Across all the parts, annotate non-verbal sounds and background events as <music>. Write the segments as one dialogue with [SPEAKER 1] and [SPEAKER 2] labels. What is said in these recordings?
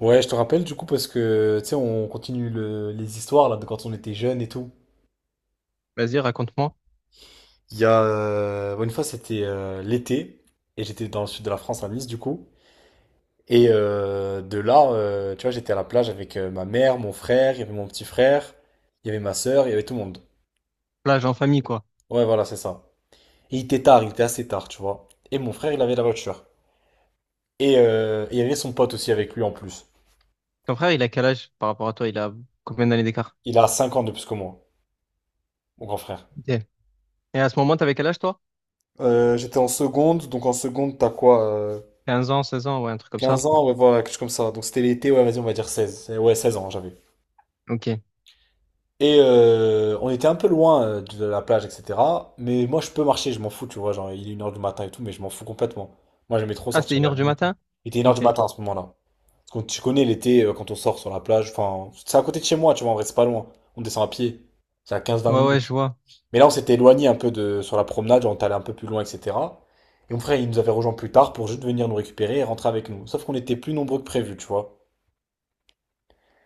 [SPEAKER 1] Ouais, je te rappelle du coup parce que tu sais, on continue les histoires là de quand on était jeune et tout.
[SPEAKER 2] Vas-y, raconte-moi.
[SPEAKER 1] Il y a ouais, une fois c'était l'été et j'étais dans le sud de la France à Nice du coup. Et de là, tu vois, j'étais à la plage avec ma mère, mon frère, il y avait mon petit frère, il y avait ma sœur, il y avait tout le monde.
[SPEAKER 2] Plage en famille, quoi.
[SPEAKER 1] Ouais, voilà, c'est ça. Et il était tard, il était assez tard, tu vois. Et mon frère, il avait la voiture. Et il y avait son pote aussi avec lui en plus.
[SPEAKER 2] Ton frère, il a quel âge par rapport à toi? Il a combien d'années d'écart?
[SPEAKER 1] Il a 5 ans de plus que moi, mon grand frère.
[SPEAKER 2] Ok. Et à ce moment, t'avais quel âge, toi?
[SPEAKER 1] J'étais en seconde, donc en seconde, t'as quoi?
[SPEAKER 2] Quinze ans, 16 ans, ouais, un truc comme
[SPEAKER 1] quinze
[SPEAKER 2] ça.
[SPEAKER 1] ans, ouais, voilà, quelque chose comme ça. Donc c'était l'été, ouais, vas-y, on va dire seize. Eh ouais, 16 ans, j'avais.
[SPEAKER 2] Ok.
[SPEAKER 1] Et on était un peu loin de la plage, etc. Mais moi, je peux marcher, je m'en fous, tu vois. Genre, il est 1 h du matin et tout, mais je m'en fous complètement. Moi, j'aimais trop
[SPEAKER 2] Ah, c'était
[SPEAKER 1] sortir
[SPEAKER 2] une
[SPEAKER 1] la
[SPEAKER 2] heure du
[SPEAKER 1] nuit.
[SPEAKER 2] matin?
[SPEAKER 1] Il était une heure
[SPEAKER 2] Ok.
[SPEAKER 1] du
[SPEAKER 2] Ouais,
[SPEAKER 1] matin à ce moment-là. Parce que tu connais l'été, quand on sort sur la plage, enfin, c'est à côté de chez moi, tu vois, on reste pas loin. On descend à pied. C'est à quinze vingt
[SPEAKER 2] ouais, je
[SPEAKER 1] minutes.
[SPEAKER 2] vois.
[SPEAKER 1] Mais là, on s'était éloigné un peu de, sur la promenade, genre, on est allé un peu plus loin, etc. Et mon frère, il nous avait rejoint plus tard pour juste venir nous récupérer et rentrer avec nous. Sauf qu'on était plus nombreux que prévu, tu vois.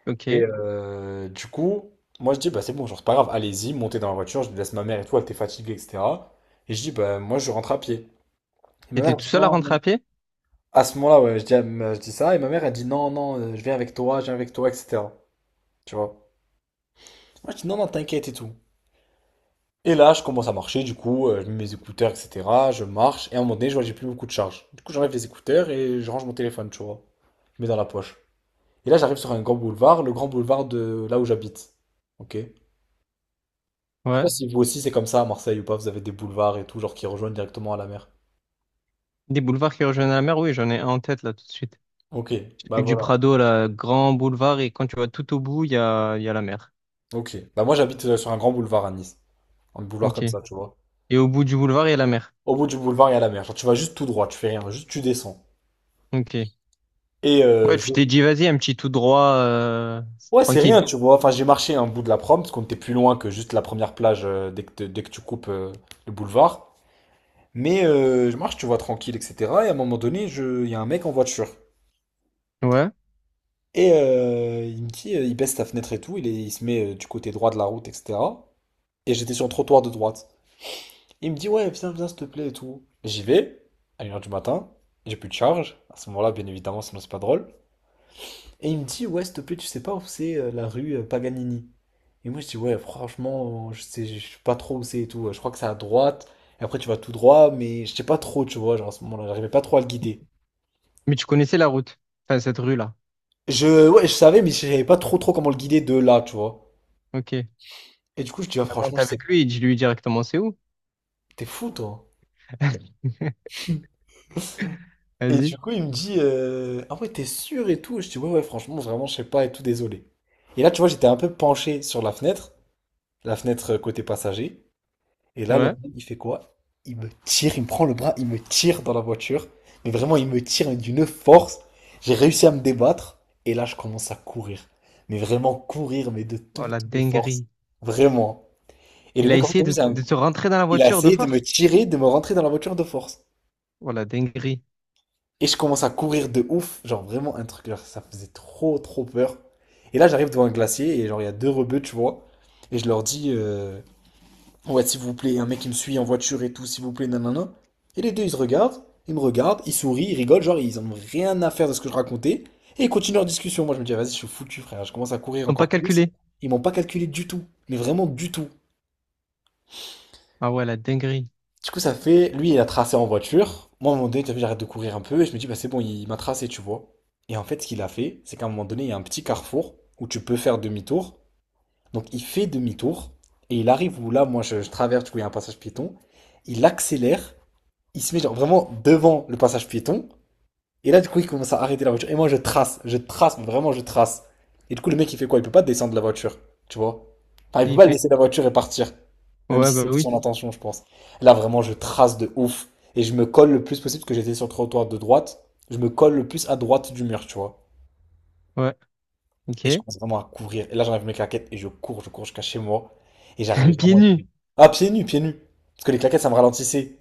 [SPEAKER 2] Ok.
[SPEAKER 1] Et du coup, moi je dis, bah c'est bon, genre c'est pas grave, allez-y, montez dans la voiture, je laisse ma mère et tout, elle était fatiguée, etc. Et je dis, bah moi je rentre à pied. Et ma mère
[SPEAKER 2] T'étais
[SPEAKER 1] elle
[SPEAKER 2] tout
[SPEAKER 1] dit,
[SPEAKER 2] seul à
[SPEAKER 1] non,
[SPEAKER 2] rentrer
[SPEAKER 1] non.
[SPEAKER 2] à pied?
[SPEAKER 1] À ce moment-là, ouais, je dis, à je dis ça, et ma mère elle dit, non, non, je viens avec toi, je viens avec toi, etc. Tu vois. Moi je dis, non, non, t'inquiète et tout. Et là, je commence à marcher, du coup, je mets mes écouteurs, etc. Je marche, et à un moment donné, je vois que j'ai plus beaucoup de charge. Du coup, j'enlève les écouteurs et je range mon téléphone, tu vois. Je mets dans la poche. Et là, j'arrive sur un grand boulevard, le grand boulevard de là où j'habite. Ok. Je sais pas
[SPEAKER 2] Ouais.
[SPEAKER 1] si vous aussi c'est comme ça à Marseille ou pas, vous avez des boulevards et tout, genre qui rejoignent directement à la mer.
[SPEAKER 2] Des boulevards qui rejoignent la mer? Oui, j'en ai un en tête, là, tout de suite.
[SPEAKER 1] Ok, bah
[SPEAKER 2] Celui du
[SPEAKER 1] voilà.
[SPEAKER 2] Prado, là, grand boulevard, et quand tu vas tout au bout, il y a la mer.
[SPEAKER 1] Ok. Bah moi j'habite sur un grand boulevard à Nice. Un boulevard
[SPEAKER 2] Ok.
[SPEAKER 1] comme ça, tu vois.
[SPEAKER 2] Et au bout du boulevard, il y a la mer.
[SPEAKER 1] Au bout du boulevard, il y a la mer. Genre tu vas juste tout droit, tu fais rien, juste tu descends.
[SPEAKER 2] Ok.
[SPEAKER 1] Et
[SPEAKER 2] Ouais,
[SPEAKER 1] je…
[SPEAKER 2] tu t'es dit, vas-y, un petit tout droit,
[SPEAKER 1] Ouais, c'est
[SPEAKER 2] tranquille.
[SPEAKER 1] rien, tu vois. Enfin, j'ai marché un bout de la prom, parce qu'on était plus loin que juste la première plage dès que, dès que tu coupes le boulevard. Mais je marche, tu vois, tranquille, etc. Et à un moment donné, je… il y a un mec en voiture.
[SPEAKER 2] Ouais.
[SPEAKER 1] Et il me dit, il baisse sa fenêtre et tout, il se met du côté droit de la route, etc. Et j'étais sur le trottoir de droite. Il me dit, ouais, viens, viens, s'il te plaît et tout. J'y vais, à 1 h du matin. J'ai plus de charge. À ce moment-là, bien évidemment, sinon c'est pas drôle. Et il me dit, ouais, s'il te plaît, tu sais pas où c'est la rue Paganini. Et moi, je dis, ouais, franchement, je sais pas trop où c'est et tout. Je crois que c'est à droite. Et après, tu vas tout droit, mais je sais pas trop, tu vois. Genre, à ce moment-là, j'arrivais pas trop à le guider.
[SPEAKER 2] Mais tu connaissais la route, enfin cette rue-là.
[SPEAKER 1] Je, ouais, je savais, mais je savais pas trop comment le guider de là, tu vois.
[SPEAKER 2] Ok.
[SPEAKER 1] Et du coup, je dis, ah,
[SPEAKER 2] Bah,
[SPEAKER 1] franchement,
[SPEAKER 2] monte
[SPEAKER 1] je sais,
[SPEAKER 2] avec lui et dis-lui directement c'est où.
[SPEAKER 1] t'es fou, toi.
[SPEAKER 2] <laughs>
[SPEAKER 1] Et
[SPEAKER 2] Vas-y.
[SPEAKER 1] du coup, il me dit, ah ouais, t'es sûr et tout? Je dis, ouais, ouais, franchement, vraiment, je sais pas et tout, désolé. Et là, tu vois, j'étais un peu penché sur la fenêtre côté passager. Et là, le
[SPEAKER 2] Ouais.
[SPEAKER 1] mec, il fait quoi? Il me tire, il me prend le bras, il me tire dans la voiture. Mais vraiment, il me tire mais d'une force. J'ai réussi à me débattre. Et là, je commence à courir. Mais vraiment courir, mais de
[SPEAKER 2] Oh
[SPEAKER 1] toutes
[SPEAKER 2] la
[SPEAKER 1] mes forces.
[SPEAKER 2] dinguerie.
[SPEAKER 1] Vraiment. Et le
[SPEAKER 2] Il a
[SPEAKER 1] mec, en fait,
[SPEAKER 2] essayé
[SPEAKER 1] t'as vu,
[SPEAKER 2] de te rentrer dans la
[SPEAKER 1] il a
[SPEAKER 2] voiture de
[SPEAKER 1] essayé de me
[SPEAKER 2] force.
[SPEAKER 1] tirer, de me rentrer dans la voiture de force.
[SPEAKER 2] Oh la dinguerie.
[SPEAKER 1] Et je commence à courir de ouf, genre vraiment un truc, genre, ça faisait trop trop peur. Et là j'arrive devant un glacier et genre il y a deux rebeux, tu vois. Et je leur dis, ouais s'il vous plaît, un mec qui me suit en voiture et tout, s'il vous plaît, nanana. Et les deux ils se regardent, ils me regardent, ils sourient, ils rigolent, genre ils ont rien à faire de ce que je racontais. Et ils continuent leur discussion. Moi je me dis, vas-y, je suis foutu frère, je commence à courir
[SPEAKER 2] Ils n'ont pas
[SPEAKER 1] encore plus.
[SPEAKER 2] calculé.
[SPEAKER 1] Ils m'ont pas calculé du tout, mais vraiment du tout.
[SPEAKER 2] Ah ouais, la dinguerie.
[SPEAKER 1] Du coup, ça fait, lui, il a tracé en voiture. Moi, à un moment donné, t'as vu, j'arrête de courir un peu et je me dis, bah, c'est bon, il m'a tracé, tu vois. Et en fait, ce qu'il a fait, c'est qu'à un moment donné, il y a un petit carrefour où tu peux faire demi-tour. Donc, il fait demi-tour et il arrive où là, moi, je traverse, du coup, il y a un passage piéton. Il accélère, il se met genre vraiment devant le passage piéton et là, du coup, il commence à arrêter la voiture. Et moi, je trace, mais vraiment, je trace. Et du coup, le mec, il fait quoi? Il peut pas descendre de la voiture, tu vois? Enfin, il peut
[SPEAKER 2] Et il
[SPEAKER 1] pas
[SPEAKER 2] fait.
[SPEAKER 1] laisser la voiture et partir. Même
[SPEAKER 2] Ouais,
[SPEAKER 1] si
[SPEAKER 2] bah
[SPEAKER 1] c'était
[SPEAKER 2] oui.
[SPEAKER 1] son intention, je pense. Là, vraiment, je trace de ouf. Et je me colle le plus possible, parce que j'étais sur le trottoir de droite. Je me colle le plus à droite du mur, tu vois.
[SPEAKER 2] Ouais. Ok.
[SPEAKER 1] Et je commence vraiment à courir. Et là, j'enlève mes claquettes et je cours jusqu'à chez moi. Et j'arrivais
[SPEAKER 2] <laughs> Pieds
[SPEAKER 1] vraiment.
[SPEAKER 2] nus.
[SPEAKER 1] Ah, pieds nus, pieds nus. Parce que les claquettes, ça me ralentissait.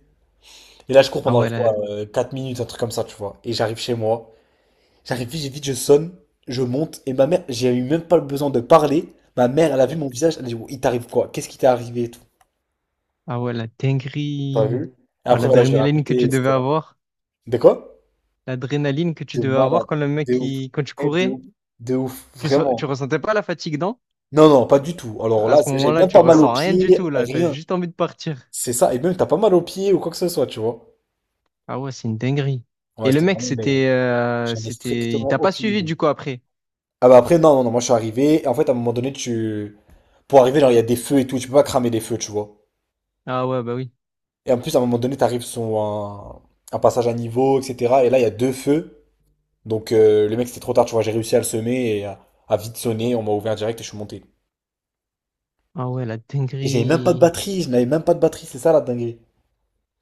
[SPEAKER 1] Et là, je cours
[SPEAKER 2] Ah
[SPEAKER 1] pendant,
[SPEAKER 2] ouais,
[SPEAKER 1] je crois,
[SPEAKER 2] la…
[SPEAKER 1] 4 minutes, un truc comme ça, tu vois. Et j'arrive chez moi. J'arrive vite, vite, je sonne, je monte, et ma mère, j'ai eu même pas besoin de parler. Ma mère, elle a vu mon visage, elle a dit, wow, il t'arrive quoi? Qu'est-ce qui t'est arrivé et tout?
[SPEAKER 2] Ah ouais, la
[SPEAKER 1] T'as
[SPEAKER 2] dinguerie.
[SPEAKER 1] vu? Et
[SPEAKER 2] Oh,
[SPEAKER 1] après, voilà, je l'ai
[SPEAKER 2] l'adrénaline que
[SPEAKER 1] raconté,
[SPEAKER 2] tu devais
[SPEAKER 1] etc.
[SPEAKER 2] avoir.
[SPEAKER 1] De quoi?
[SPEAKER 2] L'adrénaline que tu
[SPEAKER 1] De
[SPEAKER 2] devais avoir
[SPEAKER 1] malade,
[SPEAKER 2] quand le mec,
[SPEAKER 1] de ouf,
[SPEAKER 2] qui quand tu
[SPEAKER 1] eh,
[SPEAKER 2] courais,
[SPEAKER 1] de ouf,
[SPEAKER 2] tu, tu
[SPEAKER 1] vraiment.
[SPEAKER 2] ressentais pas la fatigue, non?
[SPEAKER 1] Non, non, pas du tout. Alors
[SPEAKER 2] À
[SPEAKER 1] là,
[SPEAKER 2] ce
[SPEAKER 1] j'avais
[SPEAKER 2] moment-là,
[SPEAKER 1] même
[SPEAKER 2] tu
[SPEAKER 1] pas mal aux
[SPEAKER 2] ressens rien du
[SPEAKER 1] pieds,
[SPEAKER 2] tout, là. T'as
[SPEAKER 1] rien.
[SPEAKER 2] juste envie de partir.
[SPEAKER 1] C'est ça, et même t'as pas mal aux pieds ou quoi que ce soit, tu vois.
[SPEAKER 2] Ah ouais, c'est une dinguerie.
[SPEAKER 1] Ouais,
[SPEAKER 2] Et le
[SPEAKER 1] c'était
[SPEAKER 2] mec,
[SPEAKER 1] vraiment une dinguerie.
[SPEAKER 2] c'était,
[SPEAKER 1] J'en ai
[SPEAKER 2] c'était, il
[SPEAKER 1] strictement
[SPEAKER 2] t'a pas
[SPEAKER 1] aucune
[SPEAKER 2] suivi
[SPEAKER 1] idée.
[SPEAKER 2] du coup après.
[SPEAKER 1] Ah bah après, non, non, non, moi je suis arrivé, et en fait, à un moment donné, tu. Pour arriver, genre, il y a des feux et tout, tu peux pas cramer les feux, tu vois.
[SPEAKER 2] Ah ouais, bah oui.
[SPEAKER 1] Et en plus, à un moment donné, t'arrives sur un passage à niveau, etc. Et là, il y a deux feux. Donc, le mec, c'était trop tard, tu vois. J'ai réussi à le semer et à vite sonner. On m'a ouvert direct et je suis monté.
[SPEAKER 2] Ah ouais, la
[SPEAKER 1] Et j'avais même pas de
[SPEAKER 2] dinguerie.
[SPEAKER 1] batterie. Je n'avais même pas de batterie. C'est ça, la dinguerie.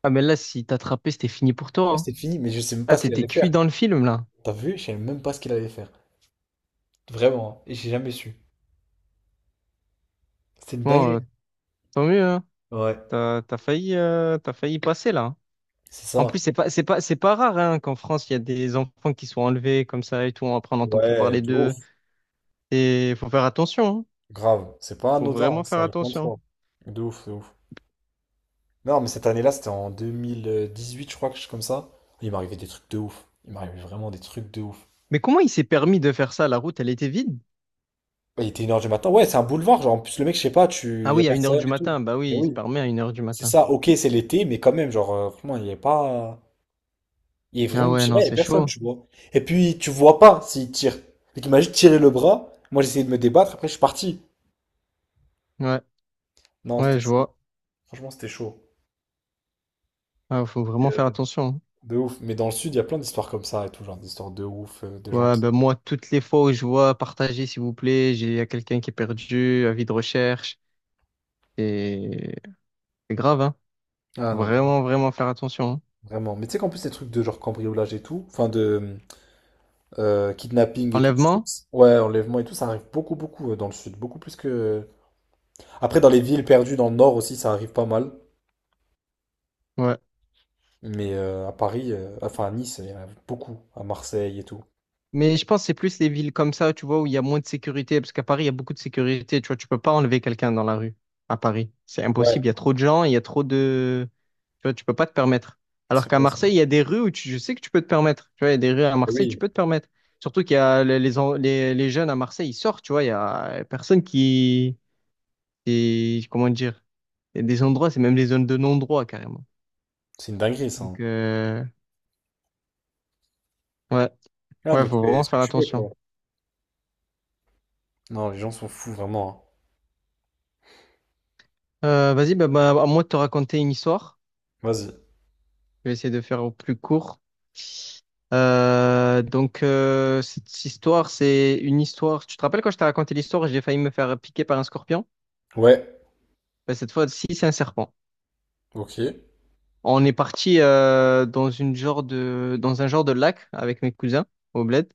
[SPEAKER 2] Ah mais là, si t'attrapais, c'était fini pour toi,
[SPEAKER 1] Ouais,
[SPEAKER 2] hein.
[SPEAKER 1] c'était fini, mais je sais même
[SPEAKER 2] Ah,
[SPEAKER 1] pas ce qu'il
[SPEAKER 2] t'étais
[SPEAKER 1] allait
[SPEAKER 2] cuit
[SPEAKER 1] faire.
[SPEAKER 2] dans le film là.
[SPEAKER 1] T'as vu? Je savais même pas ce qu'il allait faire. Vraiment, hein. Et j'ai jamais su. C'était une
[SPEAKER 2] Bon,
[SPEAKER 1] dinguerie.
[SPEAKER 2] tant mieux, hein.
[SPEAKER 1] Ouais,
[SPEAKER 2] T'as, t'as failli passer là, hein.
[SPEAKER 1] c'est
[SPEAKER 2] En plus,
[SPEAKER 1] ça.
[SPEAKER 2] c'est pas, c'est pas, c'est pas rare hein, qu'en France, il y a des enfants qui sont enlevés comme ça et tout. Après, on n'entend plus
[SPEAKER 1] Ouais,
[SPEAKER 2] parler
[SPEAKER 1] de
[SPEAKER 2] d'eux.
[SPEAKER 1] ouf.
[SPEAKER 2] Et faut faire attention, hein.
[SPEAKER 1] Grave. C'est pas
[SPEAKER 2] Faut
[SPEAKER 1] anodin, hein,
[SPEAKER 2] vraiment
[SPEAKER 1] ça
[SPEAKER 2] faire
[SPEAKER 1] arrive plein de
[SPEAKER 2] attention.
[SPEAKER 1] fois. De ouf, de ouf. Non, mais cette année-là, c'était en 2018, je crois, quelque chose comme ça. Il m'arrivait des trucs de ouf. Il m'arrivait vraiment des trucs de ouf.
[SPEAKER 2] Mais comment il s'est permis de faire ça? La route, elle était vide.
[SPEAKER 1] Ouais, il était 1 h du matin. Ouais, c'est un boulevard. Genre, en plus, le mec, je sais pas, tu…
[SPEAKER 2] Ah
[SPEAKER 1] y a
[SPEAKER 2] oui, à une heure
[SPEAKER 1] personne
[SPEAKER 2] du
[SPEAKER 1] et tout.
[SPEAKER 2] matin. Bah
[SPEAKER 1] Mais
[SPEAKER 2] oui, il se
[SPEAKER 1] oui,
[SPEAKER 2] permet à une heure du
[SPEAKER 1] c'est
[SPEAKER 2] matin.
[SPEAKER 1] ça. Ok, c'est l'été, mais quand même, genre, vraiment, il n'y a pas. Il y a
[SPEAKER 2] Ah
[SPEAKER 1] vraiment, je
[SPEAKER 2] ouais,
[SPEAKER 1] sais pas,
[SPEAKER 2] non,
[SPEAKER 1] il n'y a
[SPEAKER 2] c'est
[SPEAKER 1] personne,
[SPEAKER 2] chaud.
[SPEAKER 1] tu vois. Et puis, tu vois pas s'il tire. Donc, il m'a juste tiré le bras. Moi, j'essayais de me débattre. Après, je suis parti.
[SPEAKER 2] Ouais,
[SPEAKER 1] Non, c'était
[SPEAKER 2] ouais, je
[SPEAKER 1] chaud.
[SPEAKER 2] vois.
[SPEAKER 1] Franchement, c'était chaud.
[SPEAKER 2] Ah, faut vraiment faire attention.
[SPEAKER 1] De ouf. Mais dans le sud, il y a plein d'histoires comme ça et tout. Genre, des histoires de ouf, de gens
[SPEAKER 2] Ouais,
[SPEAKER 1] qui.
[SPEAKER 2] ben moi, toutes les fois où je vois partager, s'il vous plaît, j'ai il y a quelqu'un qui est perdu, avis de recherche. Et c'est grave, hein.
[SPEAKER 1] Ah non.
[SPEAKER 2] Vraiment, vraiment faire attention, hein.
[SPEAKER 1] Vraiment. Mais tu sais qu'en plus, ces trucs de genre cambriolage et tout, enfin de kidnapping et tout, je trouve
[SPEAKER 2] Enlèvement?
[SPEAKER 1] que ouais, enlèvement et tout, ça arrive beaucoup, beaucoup dans le sud. Beaucoup plus que. Après, dans les villes perdues dans le nord aussi, ça arrive pas mal.
[SPEAKER 2] Ouais.
[SPEAKER 1] Mais à Paris, enfin à Nice, il y en a beaucoup. À Marseille et tout.
[SPEAKER 2] Mais je pense que c'est plus les villes comme ça, tu vois, où il y a moins de sécurité, parce qu'à Paris, il y a beaucoup de sécurité, tu vois, tu peux pas enlever quelqu'un dans la rue à Paris. C'est
[SPEAKER 1] Ouais,
[SPEAKER 2] impossible, il y a trop de gens, il y a trop de… Tu vois, tu peux pas te permettre. Alors
[SPEAKER 1] c'est
[SPEAKER 2] qu'à
[SPEAKER 1] vrai, c'est vrai.
[SPEAKER 2] Marseille, il y a des rues où tu… je sais que tu peux te permettre. Tu vois, il y a des rues à
[SPEAKER 1] Eh
[SPEAKER 2] Marseille, tu
[SPEAKER 1] oui,
[SPEAKER 2] peux te permettre. Surtout qu'il y a les, les jeunes à Marseille, ils sortent, tu vois, il y a personne qui… qui- Comment dire? Il y a des endroits, c'est même des zones de non-droit, carrément.
[SPEAKER 1] c'est une dinguerie ça, hein.
[SPEAKER 2] Donc, ouais,
[SPEAKER 1] Ah,
[SPEAKER 2] ouais,
[SPEAKER 1] donc
[SPEAKER 2] faut
[SPEAKER 1] fais
[SPEAKER 2] vraiment
[SPEAKER 1] ce que
[SPEAKER 2] faire
[SPEAKER 1] tu veux,
[SPEAKER 2] attention.
[SPEAKER 1] quoi. Non, les gens sont fous, vraiment,
[SPEAKER 2] Vas-y, bah, bah, à moi de te raconter une histoire.
[SPEAKER 1] hein. Vas-y.
[SPEAKER 2] Je vais essayer de faire au plus court. Cette histoire, c'est une histoire. Tu te rappelles quand je t'ai raconté l'histoire, j'ai failli me faire piquer par un scorpion?
[SPEAKER 1] Ouais,
[SPEAKER 2] Ben, cette fois-ci, c'est un serpent.
[SPEAKER 1] ok. Eh
[SPEAKER 2] On est parti dans une genre de, dans un genre de lac avec mes cousins au Bled,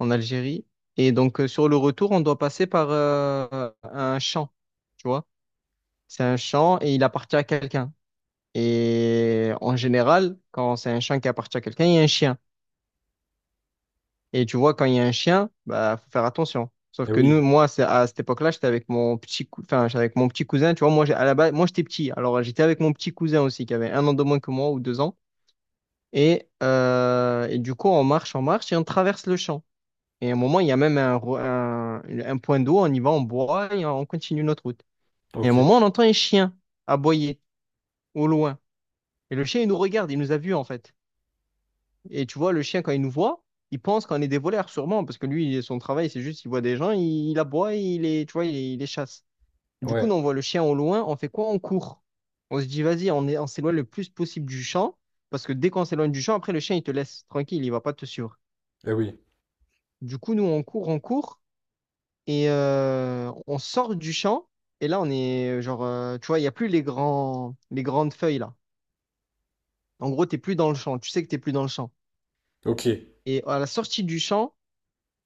[SPEAKER 2] en Algérie. Et donc, sur le retour, on doit passer par un champ. Tu vois? C'est un champ et il appartient à quelqu'un. Et en général, quand c'est un champ qui appartient à quelqu'un, il y a un chien. Et tu vois, quand il y a un chien, bah, faut faire attention. Sauf que
[SPEAKER 1] oui,
[SPEAKER 2] nous, moi, c'est à cette époque-là, j'étais avec mon petit, enfin, j'étais avec mon petit cousin. Tu vois, moi, à la base, moi, j'étais petit. Alors, j'étais avec mon petit cousin aussi, qui avait un an de moins que moi ou deux ans. Et du coup, on marche et on traverse le champ. Et à un moment, il y a même un, un point d'eau. On y va, on boit et on continue notre route. Et à un
[SPEAKER 1] ok.
[SPEAKER 2] moment, on entend un chien aboyer au loin. Et le chien, il nous regarde, il nous a vus en fait. Et tu vois, le chien, quand il nous voit, il pense qu'on est des voleurs, sûrement, parce que lui, son travail, c'est juste, il voit des gens, il aboie, il les, tu vois, il les chasse. Du coup,
[SPEAKER 1] Ouais,
[SPEAKER 2] nous, on voit le chien au loin, on fait quoi? On court. On se dit, vas-y, on est, on s'éloigne le plus possible du champ, parce que dès qu'on s'éloigne du champ, après, le chien, il te laisse tranquille, il va pas te suivre.
[SPEAKER 1] eh oui,
[SPEAKER 2] Du coup, nous, on court, et on sort du champ, et là, on est, genre, tu vois, il n'y a plus les grands, les grandes feuilles, là. En gros, t'es plus dans le champ, tu sais que t'es plus dans le champ.
[SPEAKER 1] ok.
[SPEAKER 2] Et à la sortie du champ,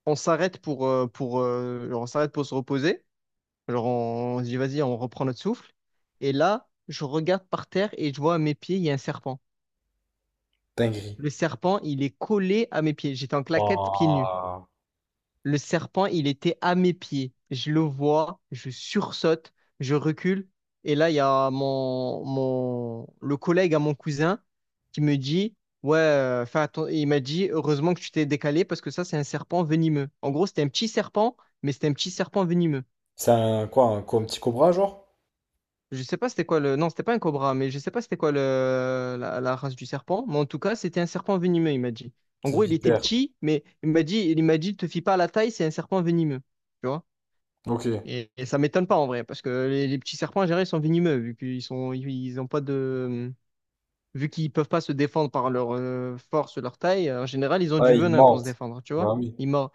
[SPEAKER 2] on s'arrête pour, genre, on s'arrête pour se reposer. Genre, on se dit, vas-y, on reprend notre souffle. Et là, je regarde par terre et je vois à mes pieds, il y a un serpent.
[SPEAKER 1] Dinguerie.
[SPEAKER 2] Le serpent, il est collé à mes pieds. J'étais en claquette, pieds nus.
[SPEAKER 1] Waouh.
[SPEAKER 2] Le serpent, il était à mes pieds. Je le vois, je sursaute, je recule. Et là, il y a mon, mon, le collègue à mon cousin qui me dit, ouais, il m'a dit, heureusement que tu t'es décalé parce que ça, c'est un serpent venimeux. En gros, c'était un petit serpent, mais c'était un petit serpent venimeux.
[SPEAKER 1] C'est un quoi, un petit cobra, genre?
[SPEAKER 2] Je sais pas c'était quoi le… Non, c'était pas un cobra, mais je sais pas c'était quoi le… la race du serpent. Mais en tout cas, c'était un serpent venimeux, il m'a dit. En
[SPEAKER 1] Petite
[SPEAKER 2] gros, il était
[SPEAKER 1] vipère.
[SPEAKER 2] petit, mais il m'a dit, te fie pas à la taille, c'est un serpent venimeux. Tu vois.
[SPEAKER 1] Ok.
[SPEAKER 2] Et ça m'étonne pas en vrai, parce que les petits serpents, en général, ils sont venimeux, vu qu'ils sont, ils ils ont pas de, vu qu'ils peuvent pas se défendre par leur force, leur taille, en général, ils ont du
[SPEAKER 1] Ouais, il
[SPEAKER 2] venin pour se
[SPEAKER 1] mente.
[SPEAKER 2] défendre, tu vois.
[SPEAKER 1] Bah oui.
[SPEAKER 2] Il mord.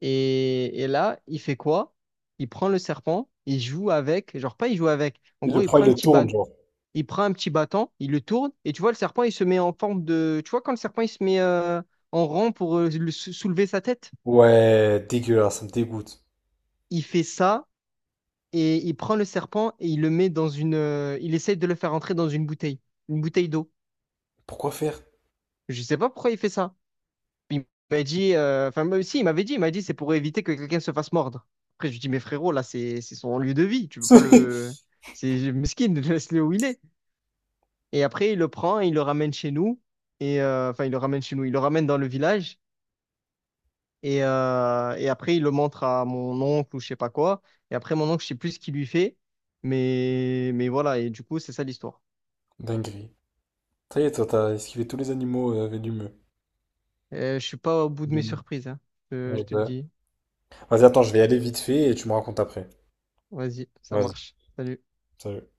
[SPEAKER 2] Et là, il fait quoi? Il prend le serpent, il joue avec, genre pas il joue avec. En
[SPEAKER 1] Il
[SPEAKER 2] gros,
[SPEAKER 1] le
[SPEAKER 2] il
[SPEAKER 1] prend,
[SPEAKER 2] prend
[SPEAKER 1] il
[SPEAKER 2] un
[SPEAKER 1] le
[SPEAKER 2] petit
[SPEAKER 1] tourne,
[SPEAKER 2] bâton,
[SPEAKER 1] genre.
[SPEAKER 2] il prend un petit bâton, il le tourne, et tu vois, le serpent, il se met en forme de, tu vois, quand le serpent, il se met en rang pour soulever sa tête,
[SPEAKER 1] Ouais, dégueulasse, ça me dégoûte.
[SPEAKER 2] il fait ça et il prend le serpent et il le met dans une. Il essaye de le faire entrer dans une bouteille d'eau.
[SPEAKER 1] Pourquoi faire?
[SPEAKER 2] Je sais pas pourquoi il fait ça. Il m'a dit, enfin, moi aussi, il m'avait dit, il m'a dit, c'est pour éviter que quelqu'un se fasse mordre. Après, je lui dis, mais frérot, là, c'est son lieu de vie, tu peux pas
[SPEAKER 1] <laughs>
[SPEAKER 2] le. C'est mesquine, <laughs> laisse-le où il est. Et après, il le prend et il le ramène chez nous. Et enfin, il le ramène chez nous, il le ramène dans le village. Et après, il le montre à mon oncle ou je sais pas quoi. Et après, mon oncle, je sais plus ce qu'il lui fait. Mais voilà, et du coup, c'est ça l'histoire.
[SPEAKER 1] Dinguerie. Ça y est, toi, t'as esquivé tous les animaux venimeux.
[SPEAKER 2] Je suis pas au bout de mes
[SPEAKER 1] Mais
[SPEAKER 2] surprises, hein.
[SPEAKER 1] ouais,
[SPEAKER 2] Je te le
[SPEAKER 1] bah.
[SPEAKER 2] dis.
[SPEAKER 1] Vas-y, attends, je vais y aller vite fait et tu me racontes après.
[SPEAKER 2] Vas-y, ça
[SPEAKER 1] Vas-y,
[SPEAKER 2] marche. Salut.
[SPEAKER 1] salut.